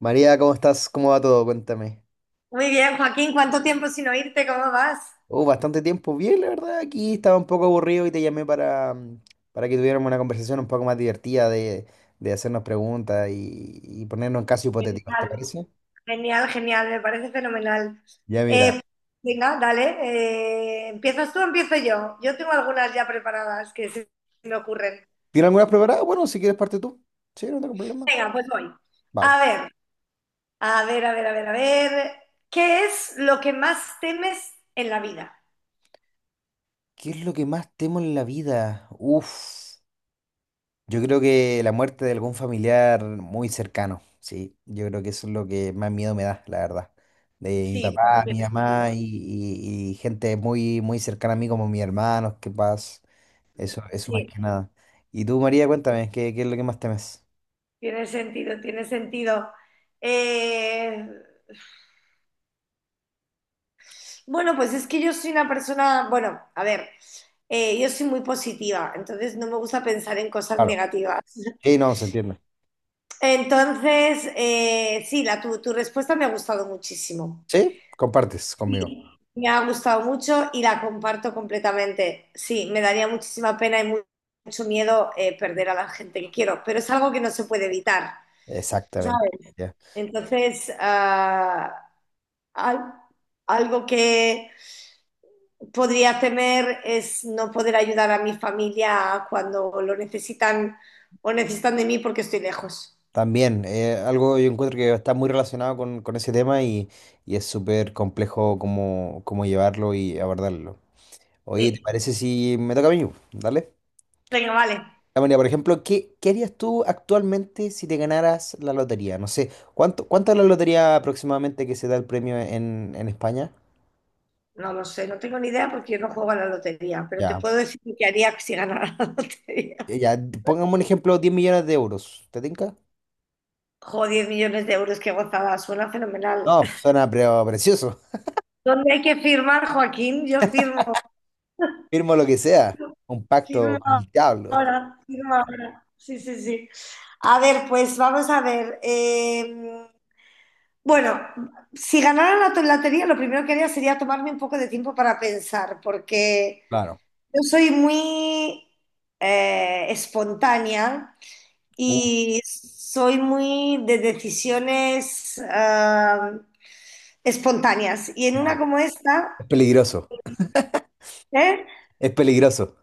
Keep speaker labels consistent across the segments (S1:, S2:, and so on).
S1: María, ¿cómo estás? ¿Cómo va todo? Cuéntame.
S2: Muy bien, Joaquín, ¿cuánto tiempo sin oírte? ¿Cómo vas?
S1: Oh, bastante tiempo. Bien, la verdad, aquí estaba un poco aburrido y te llamé para, para que tuviéramos una conversación un poco más divertida de hacernos preguntas y ponernos en casos hipotéticos, ¿te
S2: Genial,
S1: parece?
S2: genial, genial, me parece fenomenal.
S1: Ya
S2: Eh,
S1: mira.
S2: Venga, dale, ¿empiezas tú o empiezo yo? Yo tengo algunas ya preparadas que se me ocurren.
S1: ¿Tienes algunas preparadas? Bueno, si quieres parte tú. Sí, no tengo problema.
S2: Venga, pues voy.
S1: Vale.
S2: A ver, a ver, a ver, a ver, a ver. ¿Qué es lo que más temes en la vida?
S1: ¿Qué es lo que más temo en la vida? Uf. Yo creo que la muerte de algún familiar muy cercano, sí. Yo creo que eso es lo que más miedo me da, la verdad. De mi
S2: Sí, bueno,
S1: papá, mi
S2: tiene
S1: mamá
S2: sentido.
S1: y, y gente muy, muy cercana a mí como mis hermanos, que paz. Eso más
S2: Sí,
S1: que nada. Y tú, María, cuéntame, ¿qué es lo que más temes?
S2: tiene sentido, tiene sentido. Eh, Bueno, pues es que yo soy una persona, bueno, a ver, yo soy muy positiva, entonces no me gusta pensar en cosas
S1: Claro.
S2: negativas.
S1: Sí, no, se entiende.
S2: Entonces, sí, tu respuesta me ha gustado muchísimo.
S1: Sí, compartes
S2: Sí,
S1: conmigo.
S2: me ha gustado mucho y la comparto completamente. Sí, me daría muchísima pena y mucho miedo perder a la gente que quiero, pero es algo que no se puede evitar,
S1: Exactamente.
S2: ¿sabes?
S1: Ya.
S2: Entonces, al- algo que podría temer es no poder ayudar a mi familia cuando lo necesitan o necesitan de mí porque estoy lejos.
S1: También, algo yo encuentro que está muy relacionado con ese tema y es súper complejo cómo, cómo llevarlo y abordarlo. Oye, ¿te
S2: Sí.
S1: parece si me toca a mí? Dale.
S2: Venga, vale.
S1: Ya, mira, por ejemplo, ¿qué harías tú actualmente si te ganaras la lotería? No sé, ¿cuánto es la lotería aproximadamente que se da el premio en España?
S2: No lo sé, no tengo ni idea porque yo no juego a la lotería, pero te
S1: Ya.
S2: puedo decir lo que haría si ganara la lotería.
S1: Eh, Ya, pongamos un ejemplo, 10 millones de euros. ¿Te tinca?
S2: Joder, 10 millones de euros, qué gozada, suena fenomenal.
S1: No, suena pero precioso.
S2: ¿Dónde hay que firmar, Joaquín? Yo firmo,
S1: Firmo lo que sea. Un pacto
S2: firmo
S1: con el diablo.
S2: ahora, firmo ahora. Sí, sí, sí. A ver, pues vamos a ver. Bueno, si ganara la lotería, lo primero que haría sería tomarme un poco de tiempo para pensar, porque
S1: Claro.
S2: yo soy muy espontánea
S1: Uf,
S2: y soy muy de decisiones espontáneas. Y en una
S1: ya.
S2: como
S1: Es
S2: esta,
S1: peligroso.
S2: ¿eh?
S1: Es peligroso.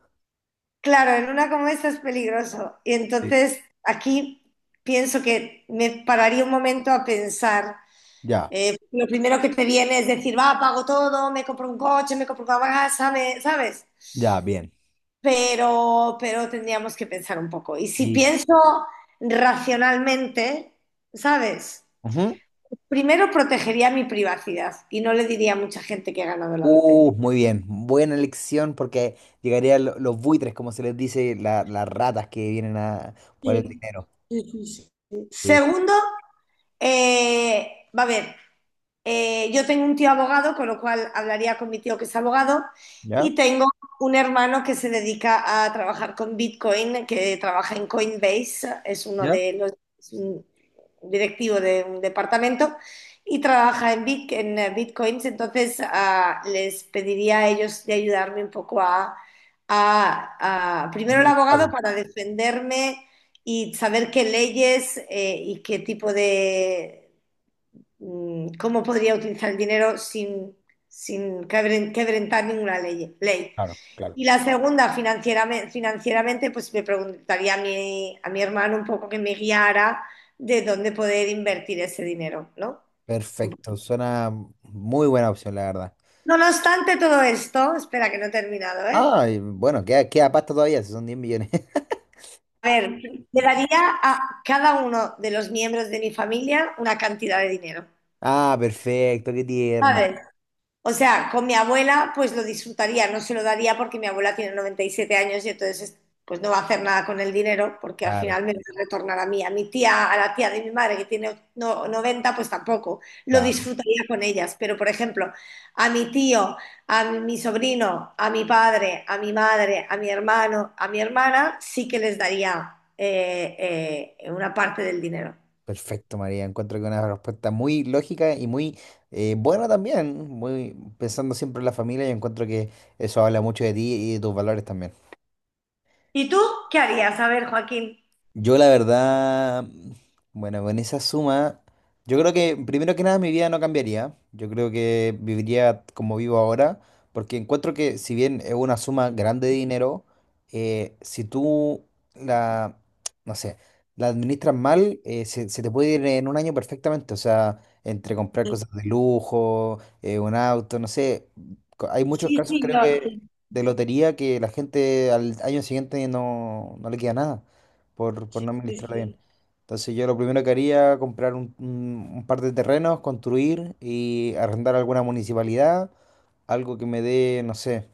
S2: Claro, en una como esta es peligroso. Y
S1: Sí.
S2: entonces aquí pienso que me pararía un momento a pensar.
S1: Ya,
S2: Lo primero que te viene es decir, va, pago todo, me compro un coche, me compro una casa, ¿sabes?
S1: ya, bien.
S2: Pero tendríamos que pensar un poco. Y si
S1: Sí.
S2: pienso racionalmente, ¿sabes?
S1: Ujú.
S2: Primero protegería mi privacidad y no le diría a mucha gente que ha ganado la lotería.
S1: Muy bien, buena elección porque llegarían los buitres, como se les dice, las ratas que vienen a por el
S2: Sí,
S1: dinero.
S2: sí, sí, sí.
S1: Sí.
S2: Segundo, va a ver, yo tengo un tío abogado, con lo cual hablaría con mi tío que es abogado, y
S1: ¿Ya?
S2: tengo un hermano que se dedica a trabajar con Bitcoin, que trabaja en Coinbase,
S1: ¿Ya?
S2: es un directivo de un departamento y trabaja en Bitcoins, entonces les pediría a ellos de ayudarme un poco a primero el
S1: Administrarlo.
S2: abogado para defenderme y saber qué leyes y qué tipo de cómo podría utilizar el dinero sin quebrantar ninguna ley.
S1: Claro, claro.
S2: Y la segunda, financieramente, pues me preguntaría a mi hermano un poco que me guiara de dónde poder invertir ese dinero, ¿no?
S1: Perfecto, suena muy buena opción, la verdad.
S2: No obstante todo esto, espera que no he terminado, ¿eh?
S1: Ah, y bueno, queda, queda pasta todavía, si son 10 millones.
S2: A ver, le daría a cada uno de los miembros de mi familia una cantidad de dinero,
S1: Ah, perfecto, qué tierna.
S2: ¿sabes? O sea, con mi abuela pues lo disfrutaría, no se lo daría porque mi abuela tiene 97 años y entonces pues no va a hacer nada con el dinero porque al
S1: Claro,
S2: final me lo retornará a mí. A mi tía, a la tía de mi madre que tiene 90 pues tampoco, lo
S1: claro.
S2: disfrutaría con ellas. Pero por ejemplo, a mi tío, a mi sobrino, a mi padre, a mi madre, a mi hermano, a mi hermana, sí que les daría una parte del dinero.
S1: Perfecto, María. Encuentro que una respuesta muy lógica y muy buena también, muy pensando siempre en la familia, y encuentro que eso habla mucho de ti y de tus valores también.
S2: ¿Y tú qué harías? A ver, Joaquín.
S1: Yo la verdad, bueno, con esa suma, yo creo que primero que nada mi vida no cambiaría. Yo creo que viviría como vivo ahora, porque encuentro que si bien es una suma grande de dinero, si tú la, no sé, la administras mal, se, se te puede ir en un año perfectamente. O sea, entre comprar cosas de lujo, un auto, no sé, co- hay muchos
S2: Sí,
S1: casos
S2: sí,
S1: creo
S2: yo. Sí,
S1: que de lotería que la gente al año siguiente no, no le queda nada por, por
S2: sí,
S1: no administrarla bien.
S2: sí.
S1: Entonces yo lo primero que haría, comprar un, un par de terrenos, construir y arrendar a alguna municipalidad, algo que me dé, no sé,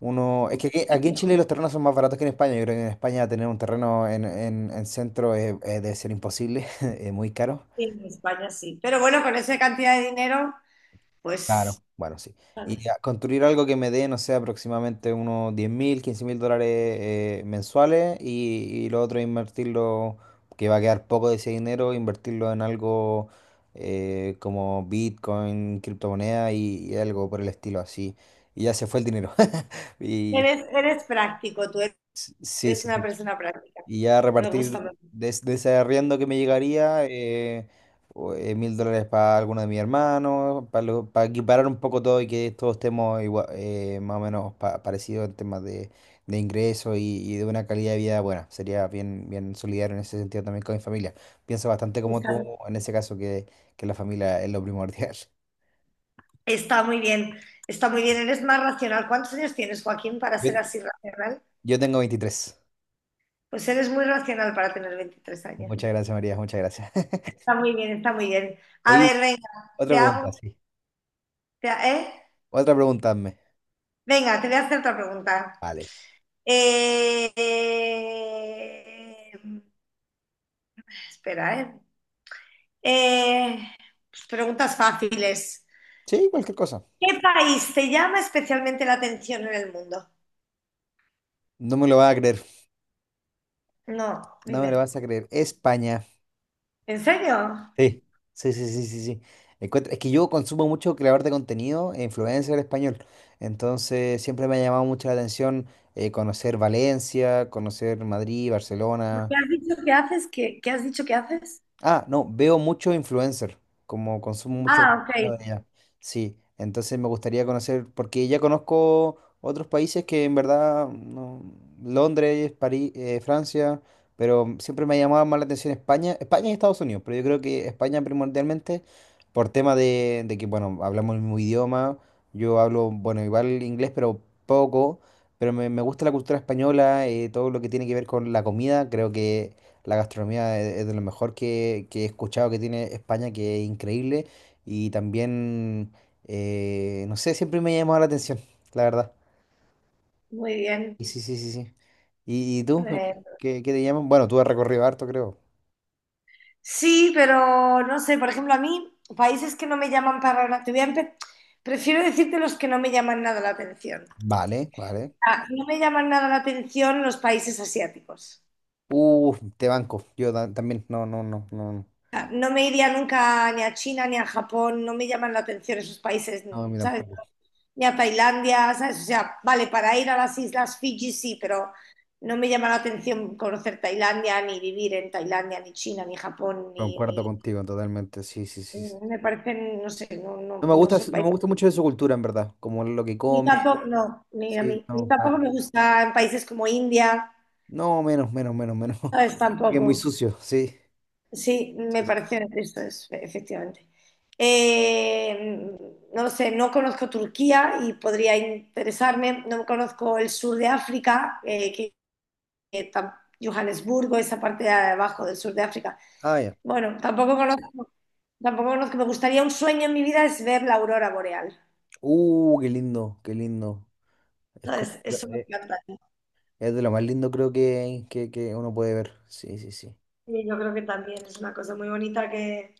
S1: uno... Es
S2: Un
S1: que aquí, aquí en
S2: principio.
S1: Chile los terrenos son más baratos que en España. Yo creo que en España tener un terreno en, en centro debe ser imposible, es muy caro.
S2: Sí, en España sí. Pero bueno, con esa cantidad de dinero, pues,
S1: Claro, bueno, sí. Y a
S2: ¿sabes?
S1: construir algo que me dé, no sé, aproximadamente unos 10.000, 15.000 dólares mensuales y lo otro invertirlo, que va a quedar poco de ese dinero, invertirlo en algo como Bitcoin, criptomoneda y algo por el estilo así. Y ya se fue el dinero. Y
S2: Eres, eres práctico, tú
S1: sí,
S2: eres
S1: sí,
S2: una
S1: sí.
S2: persona práctica.
S1: Y ya
S2: Me gusta, me
S1: repartir
S2: gusta.
S1: de, de ese arriendo que me llegaría, 1.000 dólares para alguno de mis hermanos, para equiparar un poco todo y que todos estemos más o menos parecidos en temas de ingresos y de una calidad de vida buena. Sería bien, bien solidario en ese sentido también con mi familia. Pienso bastante como tú
S2: Está,
S1: en ese caso, que la familia es lo primordial.
S2: está muy bien, está muy bien, eres más racional. ¿Cuántos años tienes, Joaquín, para
S1: Yo,
S2: ser así racional?
S1: yo tengo 23.
S2: Pues eres muy racional para tener 23 años.
S1: Muchas gracias, María, muchas gracias.
S2: Está muy bien, está muy bien. A
S1: Oye,
S2: ver, venga,
S1: otra
S2: te
S1: pregunta,
S2: hago,
S1: sí.
S2: te ha- ¿eh?
S1: Otra pregunta, hazme.
S2: Venga, te voy a hacer otra pregunta.
S1: Vale.
S2: Eh, eh, espera, ¿eh? Eh, pues preguntas fáciles.
S1: Sí, cualquier cosa.
S2: ¿Qué país te llama especialmente la atención en el mundo?
S1: No me lo vas a creer,
S2: No,
S1: no me
S2: dime.
S1: lo vas a creer. España.
S2: ¿En serio?
S1: Sí, sí, sí, sí, sí, sí. Encuentra- es que yo consumo mucho creador de contenido e influencer español. Entonces siempre me ha llamado mucho la atención conocer Valencia, conocer Madrid,
S2: ¿Por
S1: Barcelona.
S2: qué has dicho que haces? ¿Qué has dicho que haces?
S1: Ah, no, veo mucho influencer, como consumo mucho
S2: Ah, ok,
S1: contenido de allá. Sí, entonces me gustaría conocer, porque ya conozco otros países que en verdad, no, Londres, París, Francia, pero siempre me ha llamado más la atención España, España y Estados Unidos, pero yo creo que España primordialmente por tema de que, bueno, hablamos el mismo idioma, yo hablo, bueno, igual inglés, pero poco, pero me gusta la cultura española, todo lo que tiene que ver con la comida, creo que... La gastronomía es de lo mejor que he escuchado que tiene España, que es increíble. Y también, no sé, siempre me ha llamado la atención, la verdad.
S2: muy bien.
S1: Y sí, sí, sí, sí. Y tú, María?
S2: Eh,
S1: ¿Qué, qué te llaman? Bueno, tú has recorrido harto, creo.
S2: sí, pero no sé, por ejemplo, a mí, países que no me llaman para nada, te voy a empe- prefiero decirte los que no me llaman nada la atención.
S1: Vale, vale.
S2: Ah, no me llaman nada la atención los países asiáticos.
S1: Te banco. Yo ta- también, no, no, no, no. No,
S2: No me iría nunca ni a China ni a Japón, no me llaman la atención esos países,
S1: no, a mí
S2: ¿sabes?
S1: tampoco.
S2: Ni a Tailandia, ¿sabes? O sea, vale, para ir a las islas Fiji sí, pero no me llama la atención conocer Tailandia, ni vivir en Tailandia, ni China, ni Japón,
S1: Concuerdo contigo totalmente, sí, sí, sí, sí.
S2: me parecen, no sé, no, no,
S1: No me
S2: no
S1: gusta,
S2: son
S1: no me
S2: países.
S1: gusta mucho de su cultura, en verdad. Como lo que
S2: Ni
S1: come,
S2: tampoco, no, ni a
S1: sí,
S2: mí, ni
S1: no,
S2: tampoco
S1: nada.
S2: me gusta en países como India,
S1: No, menos, menos, menos, menos.
S2: ¿sabes?
S1: Que es muy
S2: Tampoco.
S1: sucio, sí.
S2: Sí,
S1: Sí,
S2: me
S1: sí, sí.
S2: pareció, esto es, efectivamente. Eh, no lo sé, no conozco Turquía y podría interesarme, no conozco el sur de África, que tam- Johannesburgo, esa parte de abajo del sur de África.
S1: Ah, ya.
S2: Bueno, tampoco conozco, tampoco conozco, me gustaría un sueño en mi vida es ver la aurora boreal.
S1: Qué lindo, qué lindo. Es como
S2: Entonces, eso me encanta.
S1: es de lo más lindo creo que uno puede ver. Sí, sí, sí.
S2: Y yo creo que también es una cosa muy bonita que,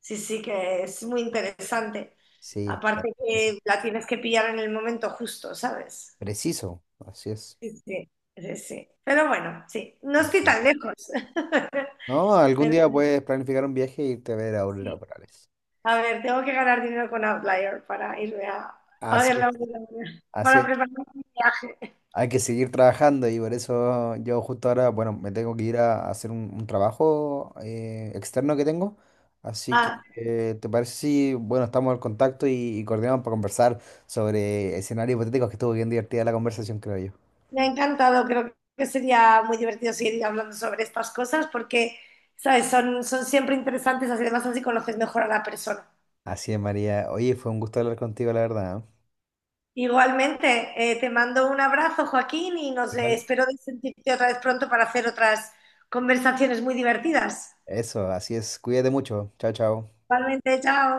S2: sí, sí, que es muy interesante.
S1: Sí, claro
S2: Aparte
S1: que sí.
S2: que la tienes que pillar en el momento justo, ¿sabes?
S1: Preciso, así es.
S2: Sí, sí, sí, sí. Pero bueno, sí, no
S1: Pero
S2: estoy
S1: bueno.
S2: tan lejos.
S1: No, algún
S2: Pero
S1: día puedes planificar un viaje y irte a ver auroras
S2: sí,
S1: boreales.
S2: a ver, tengo que ganar dinero con Outlier para irme a ver
S1: Así es,
S2: la obra,
S1: así
S2: para
S1: es.
S2: preparar mi viaje.
S1: Hay que seguir trabajando y por eso yo justo ahora, bueno, me tengo que ir a hacer un trabajo externo que tengo. Así que,
S2: Ah,
S1: ¿te parece si, bueno, estamos al contacto y coordinamos para conversar sobre escenarios hipotéticos que estuvo bien divertida la conversación, creo yo.
S2: me ha encantado, creo que sería muy divertido seguir hablando sobre estas cosas porque, ¿sabes? Son, son siempre interesantes, así- además así conoces mejor a la persona.
S1: Así es, María. Oye, fue un gusto hablar contigo, la verdad. ¿Eh?
S2: Igualmente, te mando un abrazo, Joaquín, y nos
S1: Igual.
S2: espero de sentirte otra vez pronto para hacer otras conversaciones muy divertidas.
S1: Eso, así es. Cuídate mucho. Chao, chao.
S2: Igualmente, chao.